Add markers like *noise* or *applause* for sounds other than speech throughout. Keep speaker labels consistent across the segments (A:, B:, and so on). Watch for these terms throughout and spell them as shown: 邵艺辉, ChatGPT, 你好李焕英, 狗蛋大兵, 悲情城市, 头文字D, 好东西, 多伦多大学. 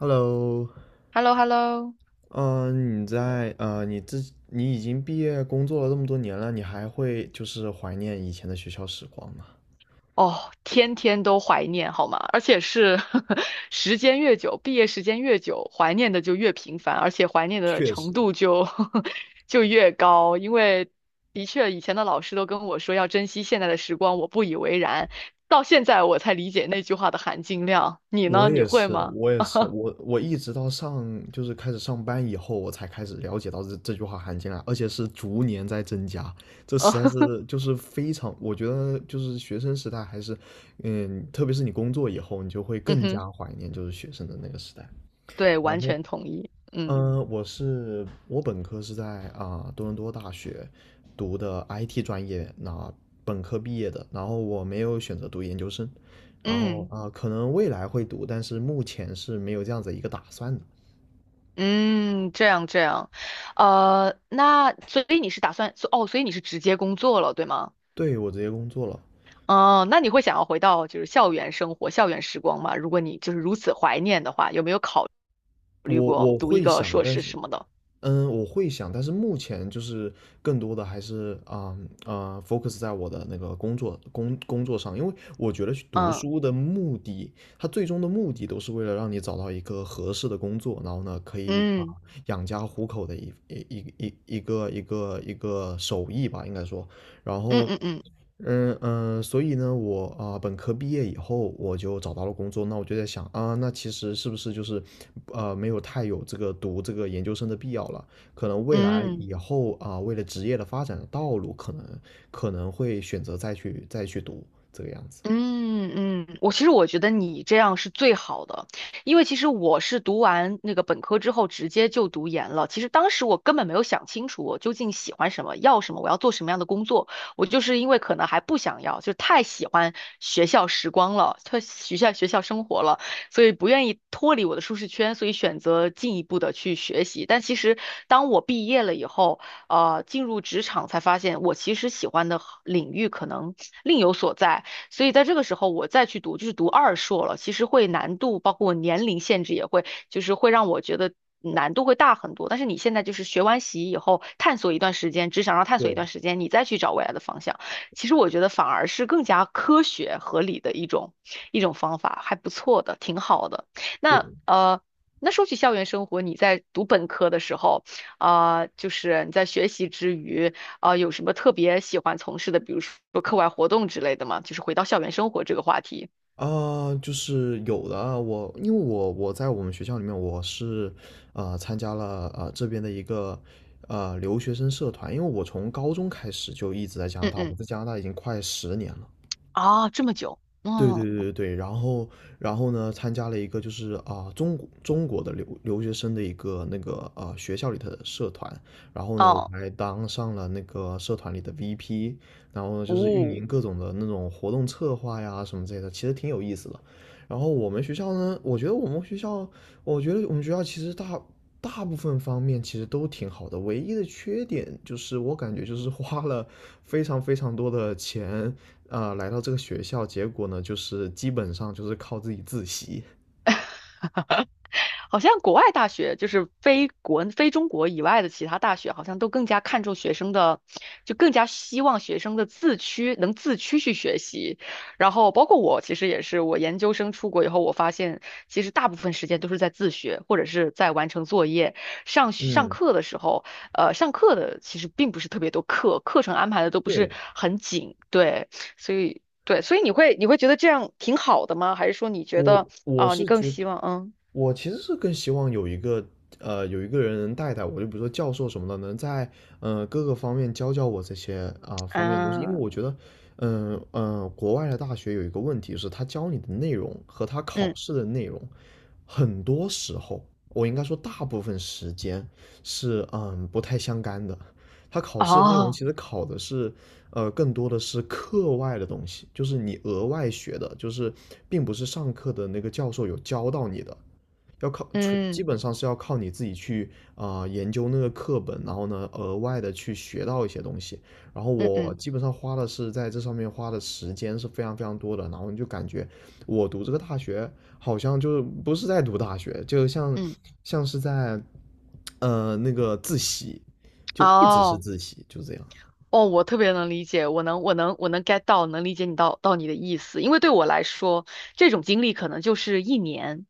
A: Hello，
B: hello hello
A: 你已经毕业工作了这么多年了，你还会就是怀念以前的学校时光吗？
B: 哦，天天都怀念好吗？而且是 *laughs* 时间越久，毕业时间越久，怀念的就越频繁，而且怀念的
A: 确
B: 程
A: 实，
B: 度就 *laughs* 就越高。因为的确，以前的老师都跟我说要珍惜现在的时光，我不以为然，到现在我才理解那句话的含金量。你
A: 我
B: 呢？你
A: 也
B: 会
A: 是，
B: 吗？
A: 我也是，我一直到就是开始上班以后，我才开始了解到这句话含金量，而且是逐年在增加，这实在
B: *laughs*
A: 是就是非常，我觉得就是学生时代还是，特别是你工作以后，你就会
B: 嗯
A: 更
B: 哼，
A: 加怀念就是学生的那个时代。
B: 对，
A: 然
B: 完
A: 后。
B: 全同意。嗯
A: 我本科是在多伦多大学读的 IT 专业，那本科毕业的，然后我没有选择读研究生，然后
B: 嗯。
A: 可能未来会读，但是目前是没有这样子一个打算的。
B: 嗯，这样这样，那所以你是打算，哦，所以你是直接工作了，对吗？
A: 对，我直接工作了，
B: 哦，那你会想要回到就是校园生活、校园时光吗？如果你就是如此怀念的话，有没有考
A: 我
B: 读一
A: 会
B: 个
A: 想，
B: 硕
A: 但
B: 士
A: 是
B: 什么的？
A: 我会想，但是目前就是更多的还是focus 在我的那个工作上，因为我觉得去读
B: 嗯
A: 书的目的，它最终的目的都是为了让你找到一个合适的工作，然后呢，可以
B: 嗯
A: 养家糊口的一个手艺吧，应该说，然
B: 嗯
A: 后
B: 嗯嗯
A: 所以呢，我本科毕业以后，我就找到了工作。那我就在想啊，那其实是不是就是，没有太有这个读这个研究生的必要了？可能未来
B: 嗯。
A: 以后为了职业的发展的道路，可能会选择再去读这个样子。
B: 嗯嗯，我其实我觉得你这样是最好的，因为其实我是读完那个本科之后直接就读研了。其实当时我根本没有想清楚我究竟喜欢什么，要什么，我要做什么样的工作。我就是因为可能还不想要，就太喜欢学校时光了，太学校生活了，所以不愿意脱离我的舒适圈，所以选择进一步的去学习。但其实当我毕业了以后，进入职场才发现我其实喜欢的领域可能另有所在。所以在这个时候我再去读，就是读二硕了，其实会难度，包括我年龄限制也会，就是会让我觉得难度会大很多。但是你现在就是学完习以后，探索一段时间，只想上探索一
A: 对，
B: 段时间，你再去找未来的方向，其实我觉得反而是更加科学合理的一种方法，还不错的，挺好的。
A: 对
B: 那。那说起校园生活，你在读本科的时候，啊、就是你在学习之余，啊，有什么特别喜欢从事的，比如说课外活动之类的吗？就是回到校园生活这个话题。
A: 啊，就是有的啊，我因为我在我们学校里面，参加了这边的一个留学生社团，因为我从高中开始就一直在加拿
B: 嗯
A: 大，我
B: 嗯，
A: 在加拿大已经快10年了。
B: 啊，这么久，
A: 对
B: 嗯，
A: 对对对，然后呢，参加了一个就是中国的留学生的一个那个学校里的社团，然后呢，我
B: 哦，
A: 还当上了那个社团里的 VP，然后呢就是运
B: 哦，
A: 营各种的那种活动策划呀什么之类的，其实挺有意思的。然后我们学校呢，我觉得我们学校其实大部分方面其实都挺好的，唯一的缺点就是我感觉就是花了非常非常多的钱，来到这个学校，结果呢，就是基本上就是靠自己自习。
B: 好像国外大学就是非中国以外的其他大学，好像都更加看重学生的，就更加希望学生的能自驱去学习。然后包括我，其实也是，我研究生出国以后，我发现其实大部分时间都是在自学，或者是在完成作业。上上
A: 嗯，
B: 课的时候，上课的其实并不是特别多课，课程安排的都不是
A: 对。
B: 很紧，对，所以对，所以你会觉得这样挺好的吗？还是说你觉
A: 我
B: 得
A: 我
B: 啊、你
A: 是
B: 更
A: 觉
B: 希
A: 得，
B: 望嗯？
A: 我其实是更希望有一个人能带带我，就比如说教授什么的，能在各个方面教教我这些方面的东西，因为
B: 嗯
A: 我觉得，国外的大学有一个问题是，他教你的内容和他考
B: 嗯，
A: 试的内容，很多时候我应该说大部分时间是不太相干的。他考试的内容其
B: 哦，
A: 实考的是更多的是课外的东西，就是你额外学的，就是并不是上课的那个教授有教到你的，要靠基
B: 嗯
A: 本上是要靠你自己去研究那个课本，然后呢额外的去学到一些东西。然后
B: 嗯
A: 我
B: 嗯
A: 基本上花的是在这上面花的时间是非常非常多的，然后你就感觉我读这个大学好像就是不是在读大学，就像
B: 嗯，
A: 是在那个自习，就一直是
B: 哦
A: 自习，就这样。
B: 哦，我特别能理解，我能 get 到，能理解你到你的意思，因为对我来说，这种经历可能就是一年，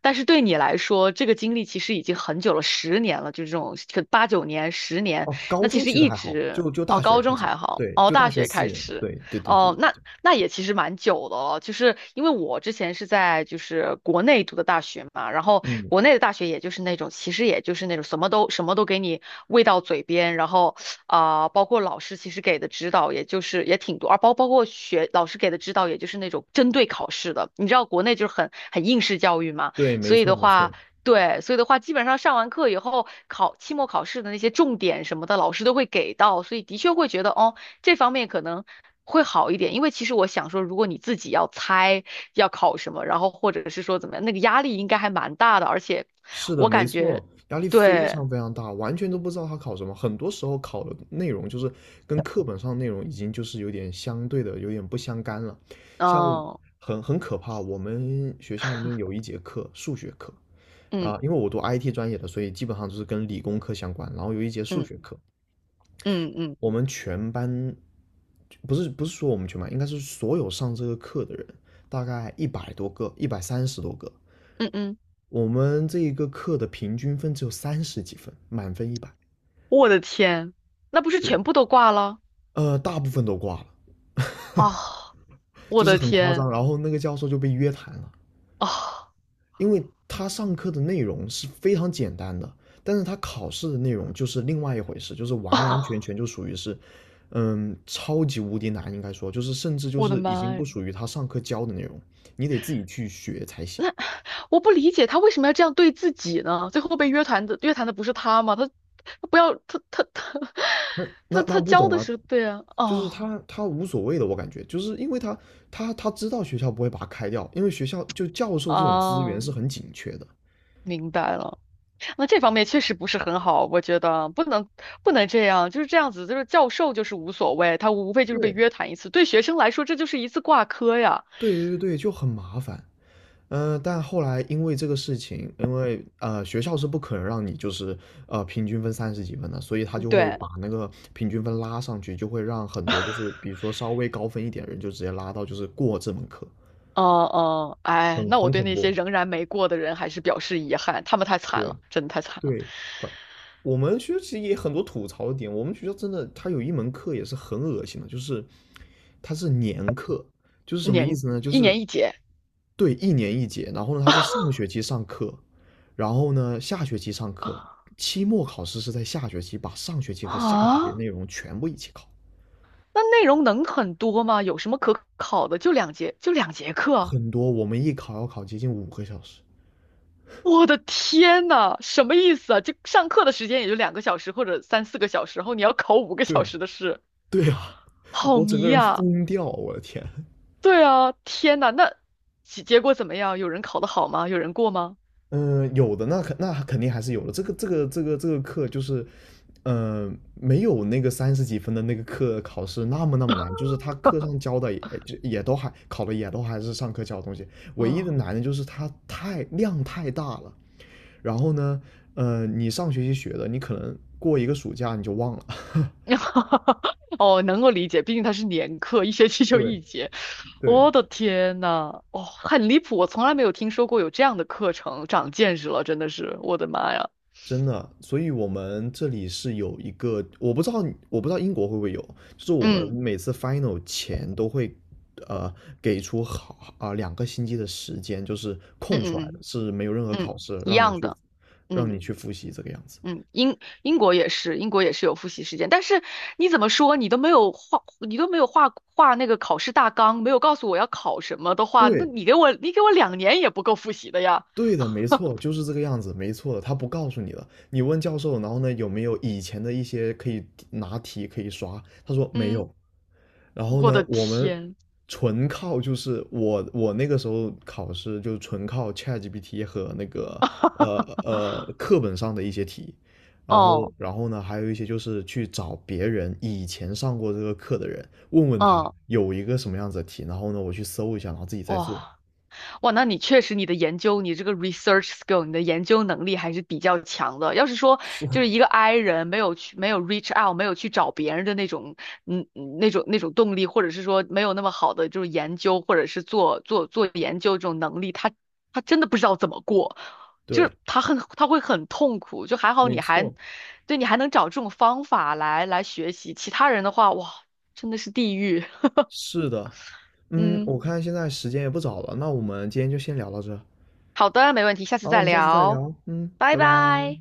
B: 但是对你来说，这个经历其实已经很久了，十年了，就这种可八九年、十年，
A: 哦，高
B: 那其
A: 中
B: 实
A: 其实
B: 一
A: 还好，
B: 直
A: 就
B: 哦，
A: 大学
B: 高
A: 开
B: 中
A: 始，
B: 还好，
A: 对，
B: 哦，
A: 就大
B: 大
A: 学
B: 学
A: 四
B: 开
A: 年，
B: 始。
A: 对，对对对
B: 哦，那
A: 对，
B: 那也其实蛮久的了，就是因为我之前是在就是国内读的大学嘛，然后
A: 嗯，
B: 国内的大学也就是那种，其实也就是那种什么都给你喂到嘴边，然后啊、包括老师其实给的指导也就是也挺多，而包括老师给的指导也就是那种针对考试的，你知道国内就是很应试教育嘛，
A: 对对，没
B: 所以
A: 错
B: 的
A: 没
B: 话。
A: 错，
B: 对，所以的话，基本上上完课以后，考期末考试的那些重点什么的，老师都会给到，所以的确会觉得，哦，这方面可能会好一点，因为其实我想说，如果你自己要猜要考什么，然后或者是说怎么样，那个压力应该还蛮大的，而且
A: 是的，
B: 我
A: 没
B: 感觉，
A: 错，压力非
B: 对，
A: 常非常大，完全都不知道他考什么，很多时候考的内容就是跟课本上的内容已经就是有点相对的，有点不相干了，像我
B: 嗯
A: 很可怕，我们学校里面有一节课数学课
B: 嗯
A: 啊，因为我读 IT 专业的，所以基本上就是跟理工科相关，然后有一节数
B: 嗯
A: 学课，
B: 嗯嗯
A: 我们全班不是说我们全班，应该是所有上这个课的人，大概100多个，130多个。
B: 嗯嗯，
A: 我们这一个课的平均分只有三十几分，满分一百。
B: 我的天，那不是
A: 对，
B: 全部都挂了
A: 大部分都挂了，
B: 啊！我
A: 就是
B: 的
A: 很夸
B: 天
A: 张。然后那个教授就被约谈了，
B: 啊
A: 因为他上课的内容是非常简单的，但是他考试的内容就是另外一回事，就是完完全
B: 啊！
A: 全就属于是，超级无敌难，应该说就是甚至
B: *laughs*
A: 就
B: 我的
A: 是已经
B: 妈
A: 不
B: 呀！
A: 属于他上课教的内容，你得自己去学才行。
B: 我不理解他为什么要这样对自己呢？最后被约谈的不是他吗？他他不要他他他 *laughs* 他
A: 那
B: 他
A: 不
B: 教
A: 懂
B: 的
A: 啊，
B: 是对啊，
A: 就是
B: 哦，
A: 他无所谓的，我感觉就是因为他知道学校不会把他开掉，因为学校就教授这种资源
B: 哦，
A: 是很紧缺的。
B: 明白了。那这方面确实不是很好，我觉得不能这样，就是这样子，就是教授就是无所谓，他无非就是被
A: 对
B: 约谈一次，对学生来说这就是一次挂科呀。
A: 对对对，就很麻烦。但后来因为这个事情，因为学校是不可能让你就是平均分三十几分的，所以他就会
B: 对，
A: 把那个平均分拉上去，就会让很多就是
B: *laughs*
A: 比如说稍微高分一点的人就直接拉到就是过这门课，
B: 嗯嗯，哎，
A: 很
B: 那我
A: 很
B: 对
A: 恐
B: 那些
A: 怖。
B: 仍然没过的人还是表示遗憾，他们太惨
A: 对，
B: 了，真的太惨了，
A: 对，管我们学校其实也很多吐槽的点。我们学校真的，它有一门课也是很恶心的，就是它是年课，就是什么意
B: 年
A: 思呢？就
B: 一
A: 是
B: 年一节
A: 对，一年一节。然后呢，它是上学期上课，然后呢下学期上课。
B: *laughs*
A: 期末考试是在下学期把上学期和下学期的
B: 啊，
A: 内容全部一起考，
B: 那内容能很多吗？有什么可考的？就两节，就两节课。
A: 很多我们一考要考接近5个小时。
B: 我的天呐，什么意思啊？这上课的时间也就2个小时或者3、4个小时，然后你要考五个
A: 对
B: 小
A: 啊，
B: 时的试，
A: 对啊，*laughs*
B: 好
A: 我整
B: 迷
A: 个人
B: 呀！
A: 疯掉，我的天。*laughs*
B: 对啊，天呐，那结果怎么样？有人考得好吗？有人过吗？
A: 嗯，有的那肯那肯定还是有的。这个课就是没有那个三十几分的那个课考试那么那么难，就是他课上教的也就也都还考的也都还是上课教的东西，唯一的
B: 哦，
A: 难的就是它太量太大了。然后呢，你上学期学的，你可能过一个暑假你就忘了。*laughs*
B: *laughs* 哦，能够理解，毕竟它是年课，一学期就
A: 对
B: 一节。
A: 对，
B: 我的天呐，哦，很离谱，我从来没有听说过有这样的课程，长见识了，真的是，我的妈呀！
A: 真的，所以我们这里是有一个，我不知道，我不知道英国会不会有，就是我们
B: 嗯
A: 每次 final 前都会，呃，给出2个星期的时间，就是
B: 嗯
A: 空出来的，
B: 嗯
A: 是没有任何
B: 嗯嗯，
A: 考试，
B: 一
A: 让你
B: 样
A: 去，
B: 的。嗯。
A: 复习这个样子。
B: 嗯，英国也是，英国也是有复习时间，但是你怎么说，你都没有画那个考试大纲，没有告诉我要考什么的话，那
A: 对，
B: 你给我，2年也不够复习的呀。
A: 对的，没错，就是这个样子，没错的，他不告诉你了，你问教授，然后呢，有没有以前的一些可以拿题可以刷？他说没
B: 嗯，
A: 有。然后
B: 我的
A: 呢，我们
B: 天，
A: 纯靠就是我那个时候考试就是纯靠 ChatGPT 和那个呃课本上的一些题，然后
B: 哦，
A: 然后呢还有一些就是去找别人以前上过这个课的人，问问他
B: 嗯，
A: 有一个什么样子的题，然后呢我去搜一下，然后自己再做。
B: 哇。哇，那你确实你的研究，你这个 research skill，你的研究能力还是比较强的。要是说
A: 是，
B: 就是一个 I 人没有 reach out，没有去找别人的那种那种动力，或者是说没有那么好的就是研究或者是做研究这种能力，他真的不知道怎么过，就是
A: 对，
B: 他会很痛苦。就还好
A: 没
B: 你还
A: 错。
B: 对你还能找这种方法来学习，其他人的话哇真的是地狱。*laughs*
A: 是的，嗯，
B: 嗯，
A: 我看现在时间也不早了，那我们今天就先聊到这，
B: 好的，没问题，下次
A: 好，我
B: 再
A: 们下次再
B: 聊，
A: 聊，嗯，
B: 拜
A: 拜拜。
B: 拜。